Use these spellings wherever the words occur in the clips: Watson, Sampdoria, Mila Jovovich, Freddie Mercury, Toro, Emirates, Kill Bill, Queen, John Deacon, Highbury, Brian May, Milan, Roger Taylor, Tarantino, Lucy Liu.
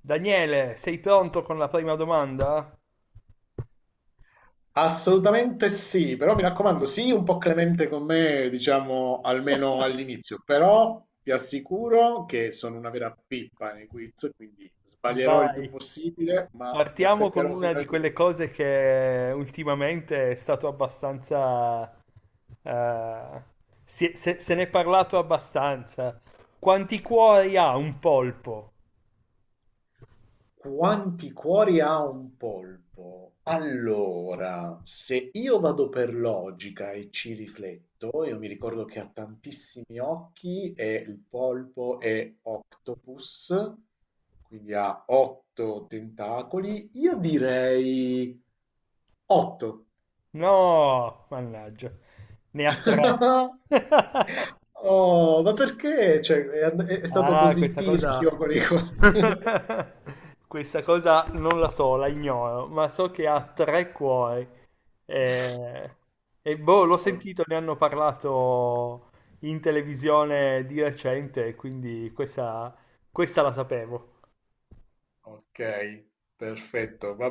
Daniele, sei pronto con la prima domanda? Assolutamente sì, però mi raccomando, sii un po' clemente con me, diciamo, almeno all'inizio, però ti assicuro che sono una vera pippa nei quiz, quindi sbaglierò il più Vai. possibile, ma ne Partiamo con azzeccherò una di sicuramente quelle qualcuno. cose che ultimamente è stato abbastanza... eh, se ne è parlato abbastanza. Quanti cuori ha un polpo? Quanti cuori ha un polpo? Allora, se io vado per logica e ci rifletto, io mi ricordo che ha tantissimi occhi e il polpo è octopus, quindi ha otto tentacoli. Io direi otto. No, mannaggia, ne ha tre. Oh, ma perché? Cioè, è stato Ah, così questa cosa... tirchio con i cuori. Questa cosa non la so, la ignoro, ma so che ha tre cuori. Eh, boh, l'ho sentito, ne hanno parlato in televisione di recente, quindi questa la sapevo. Ok, perfetto, va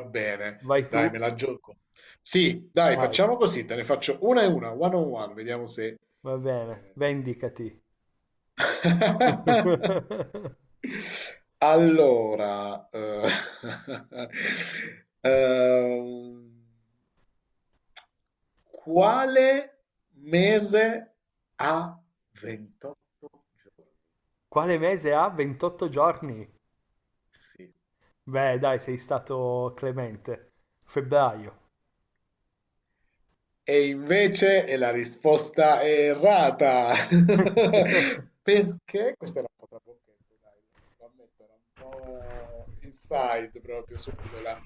Vai bene. Dai, me tu? la gioco. Sì, dai, Vai, facciamo così, te ne faccio una e una, one on one, vediamo se. va bene, eh. vendicati. Allora, ehm, quale mese ha 28 giorni? Quale mese ha 28 giorni? Sì. Beh, dai, sei stato clemente. Febbraio. E invece la risposta è errata. Perché? Questa era un po' trabocchetto, dai, lo ammetto, era un po' inside proprio subito là.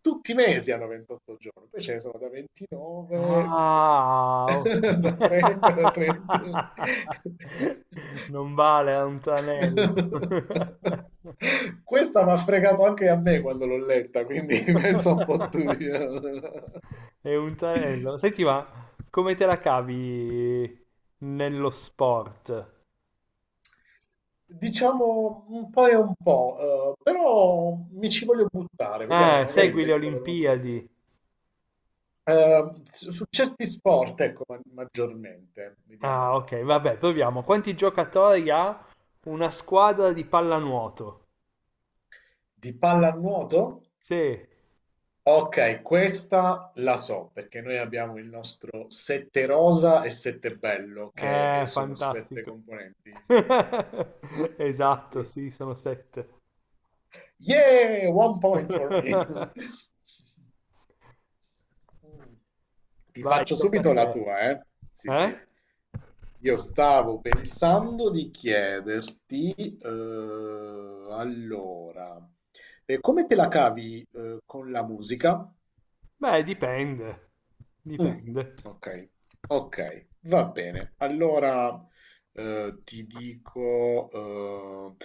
Tutti i mesi hanno 28 giorni, poi ce ne sono da 29, Ah, ok. da 30, da 31. Non vale, è un tranello. Questa mi ha fregato anche a me quando l'ho letta, quindi penso un po' tu, diciamo. È un tranello. Senti, ma come te la cavi nello sport? Diciamo un po' e un po', però mi ci voglio buttare, vediamo, Ah, magari segui le becco la domanda. Olimpiadi. Su certi sport, ecco, maggiormente, Ah, vediamo, ok, vabbè, vediamo se. proviamo. Quanti giocatori ha una squadra di pallanuoto? Di pallanuoto? Sì, Ok, questa la so, perché noi abbiamo il nostro sette rosa e sette bello, che sono sette fantastico. componenti, sì, che sono fantastici. Sì, Esatto, sì. sì, sono sette. Yeah, one point for me. Mh. Ti Vai, faccio tocca a subito te. la tua, eh. Sì, Eh? sì. Io stavo pensando di chiederti, allora, come te la cavi, con la musica? Beh, dipende. Mh, Dipende. okay, okay, va bene. Allora, ti dico,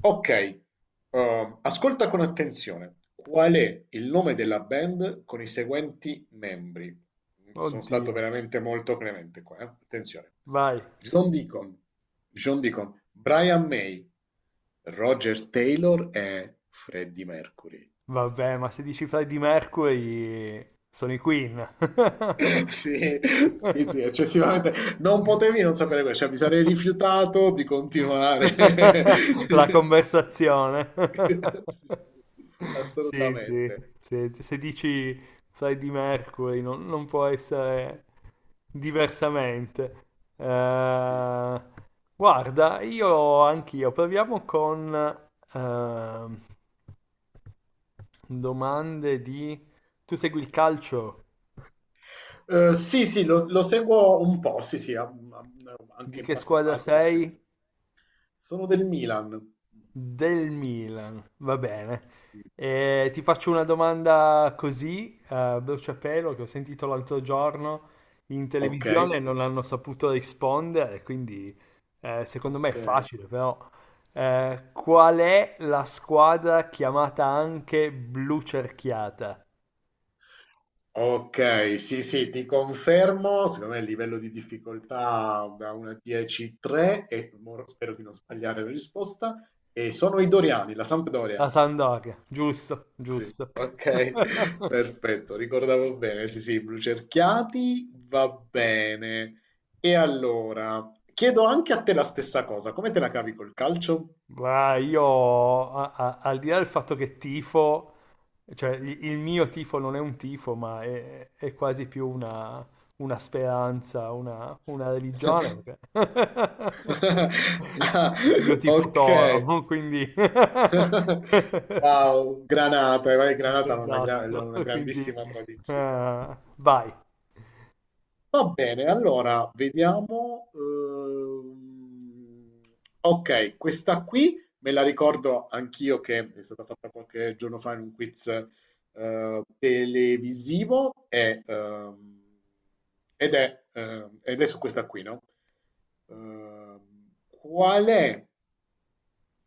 okay, ascolta con attenzione. Qual è il nome della band con i seguenti membri? Mhmm, sono stato Oddio. veramente molto clemente qua, attenzione. Vai. John Deacon John Deacon, Brian May, Roger Taylor e Freddie Mercury. Vabbè, ma se dici Freddie Mercury, sono i Queen. Sì, sì, sì, eccessivamente. Non potevi non sapere questo, cioè mi sarei rifiutato di continuare. La conversazione. Sì, sì, Sì, sì. assolutamente. Se dici Freddie Mercury, non può essere diversamente. Sì, Eh, guarda, io anch'io proviamo con ehm, domande di... Tu segui il calcio? Sì, sì, lo seguo un po', sì, sì, anche Di in che squadra passato l'ho sei? seguito. Sono del Milan. Del Milan. Va bene. Sì. E ti faccio una domanda così, bruciapelo, che ho sentito l'altro giorno in Ok, televisione e non hanno saputo rispondere, quindi secondo me è ok. facile, però. Qual è la squadra chiamata anche Blu Cerchiata? Okay, sì, sì, ti confermo, secondo me il livello di difficoltà da 1 a 10, 3 e mo spero di non sbagliare la risposta, e sono i Doriani, la La Sampdoria. Sampdoria, giusto, Sì, giusto. okay, perfetto, ricordavo bene, sì, sì, blu cerchiati, va bene. E allora, chiedo anche a te la stessa cosa, come te la cavi col calcio? Ma io, al di là del fatto che tifo, cioè il mio tifo non è un tifo, ma è quasi più una speranza, una religione, perché- Ah, Io tifo ok. Toro, quindi... Wow, Granata, vai, Granata ha una, gra- Esatto, una quindi... grandissima tradizione. Vai, Va bene, allora vediamo. Ok, questa qui me la ricordo anch'io che è stata fatta qualche giorno fa in un quiz televisivo ed è su questa qui, no? Ehm, qual è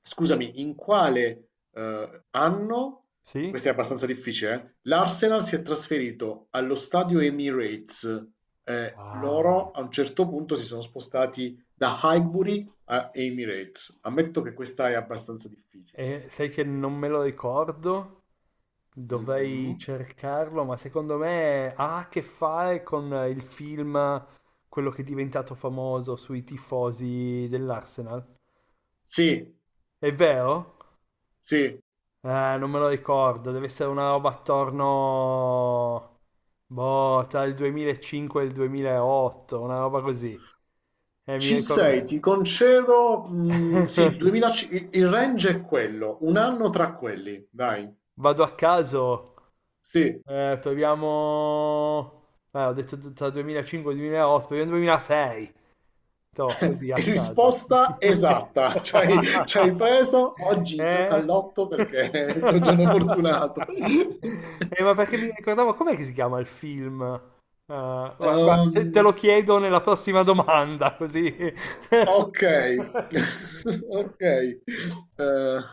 Scusami, in quale anno, sì? questa è abbastanza difficile, l'Arsenal si è trasferito allo stadio Emirates? Eh, Ah, loro a un certo punto si sono spostati da Highbury a Emirates. Ammetto che questa è abbastanza difficile. e sai che non me lo ricordo? Dovrei Mm-mm. cercarlo, ma secondo me ha a che fare con il film, quello che è diventato famoso sui tifosi dell'Arsenal. Sì, È vero? sì, Eh, non me lo ricordo, deve essere una roba attorno, boh, tra il 2005 e il 2008, una roba così. Mi ci sei, ricordo. ti concedo. Sì, 2000, il range è quello, un anno tra quelli, dai. Vado a caso, Sì. Proviamo... ho detto tra 2005 e 2008, proviamo 2006. Toh, così a caso. Risposta esatta, ci hai preso. Oggi gioca al Eh? lotto perché è il tuo giorno fortunato. Ma perché mi ricordavo, com'è che si chiama il film? Guarda, guarda, te lo Ehm, chiedo nella prossima domanda, così. ok, ok. Da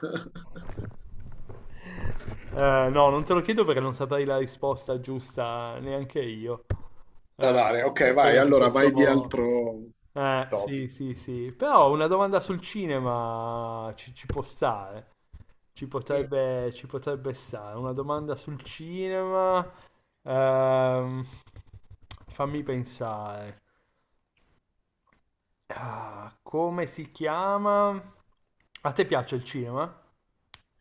No, non te lo chiedo perché non saprei la risposta giusta neanche io. Eh, dare, ok, vai. quella su Allora vai di questo... altro sì, topic. sì, sì. Però una domanda sul cinema ci può stare. Ci Sì. potrebbe, ci potrebbe stare. Una domanda sul cinema. Ehm, fammi pensare. Ah, come si chiama? A te piace il cinema?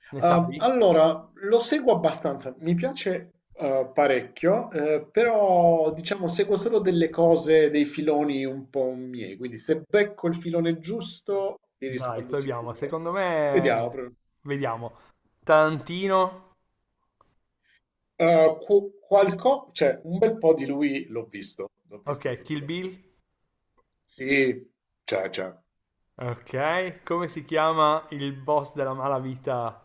Ne Ah, sai? allora, lo seguo abbastanza, mi piace parecchio, però diciamo seguo solo delle cose, dei filoni un po' miei, quindi se becco il filone giusto ti Dai, rispondo proviamo. sicuro. Secondo Vediamo, me, però. vediamo. Tarantino, Cioè, un bel po' di lui l'ho visto, ok, Kill visto. Bill, Sì, c'è, c'è. ok. Come si chiama il boss della malavita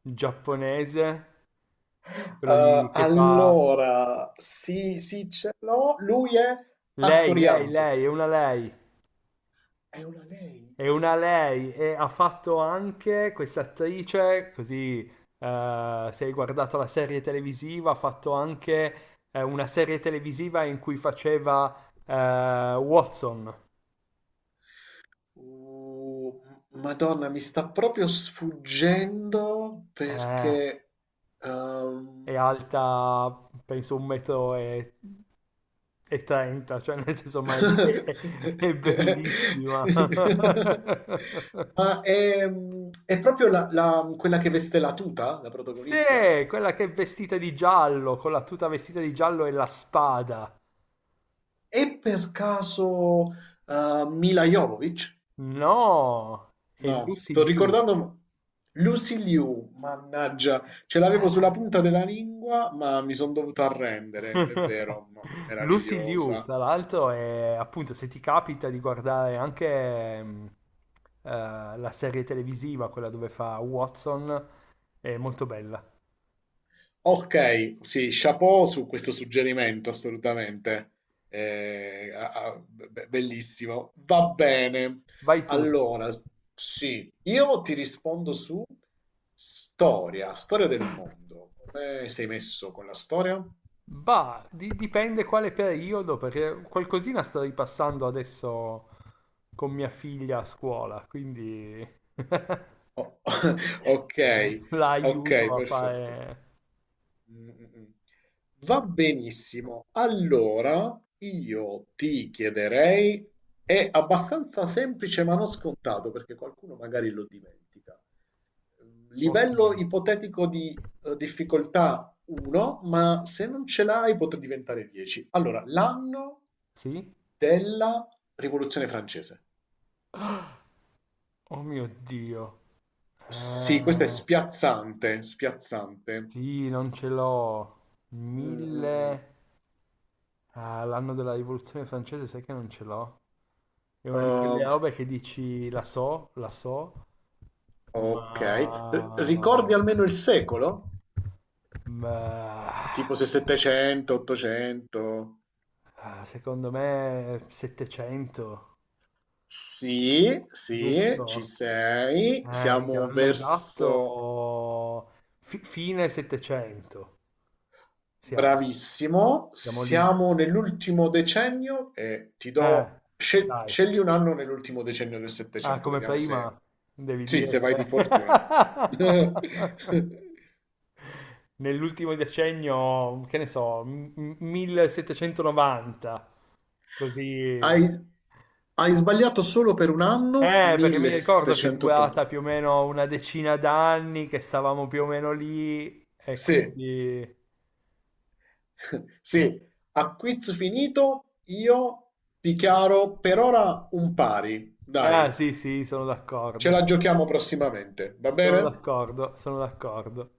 giapponese? Eh, Che fa allora, sì, sì, ce l'ho, lui è lei, lei, Attorianzo, lei, è una lei, è una lei, è una madonna. lei e ha fatto anche questa attrice, così se hai guardato la serie televisiva, ha fatto anche una serie televisiva in cui faceva Watson. Uh, Madonna, mi sta proprio sfuggendo Eh, perché. è ehm, alta penso un metro e trenta, cioè nel senso ma è bellissima. Ma è proprio quella che veste la tuta, la Sì, protagonista? quella che è vestita di giallo, con la tuta vestita di giallo e la spada. È per caso Mila Jovovich? No, è No, Lucy sto Liu. ricordando Lucy Liu, mannaggia, ce l'avevo sulla Ah. punta della lingua, ma mi sono dovuto arrendere, è vero, no, Lucy Liu, meravigliosa. tra l'altro, è appunto se ti capita di guardare anche eh, la serie televisiva, quella dove fa Watson, è molto bella. Ok, sì, chapeau su questo suggerimento, assolutamente. Bellissimo. Va bene. Vai tu. Allora, sì, io ti rispondo su storia del mondo. Come sei messo con la storia? Bah, dipende quale periodo, perché qualcosina sto ripassando adesso con mia figlia a scuola, quindi O- Ok, la ok, aiuto a perfetto. fare... Mm, mm, mm. Va benissimo. Allora, io ti chiederei, è abbastanza semplice ma non scontato perché qualcuno magari lo dimentica. Ok, Livello ipotetico di difficoltà 1, ma se non ce l'hai potrà diventare 10. Allora, l'anno sì? della Rivoluzione francese. Oh mio Dio. Sì, questo è Eh, spiazzante, spiazzante. sì, non ce l'ho. Mm, mm. Mm. Mille... Ah, l'anno della rivoluzione francese, sai che non ce l'ho? È una di quelle Ehm, robe che dici la so, la so, ok. R- ma... ricordi almeno il secolo? Ma... Tipo se 700, 800? ah, secondo me 700, Sì, sì, ci giusto? sei. Mica Siamo l'anno verso. esatto, fine 700 siamo, Bravissimo. siamo lì. Siamo nell'ultimo decennio e ti Eh, do. Dai. Scegli un anno nell'ultimo decennio del Ah, 700, come vediamo se. prima devi Sì, dire se vai di se... fortuna. nell'ultimo decennio, che ne so, 1790, così. Hai, hai sbagliato solo per un anno, Perché mi ricordo che è 1780. durata più o meno una decina d'anni, che stavamo più o meno lì, e Sì, quindi... sì, a quiz finito io dichiaro per ora un pari, Ah, dai, sì, sì, sono ce d'accordo. la giochiamo prossimamente, va Sono bene? d'accordo, sono d'accordo.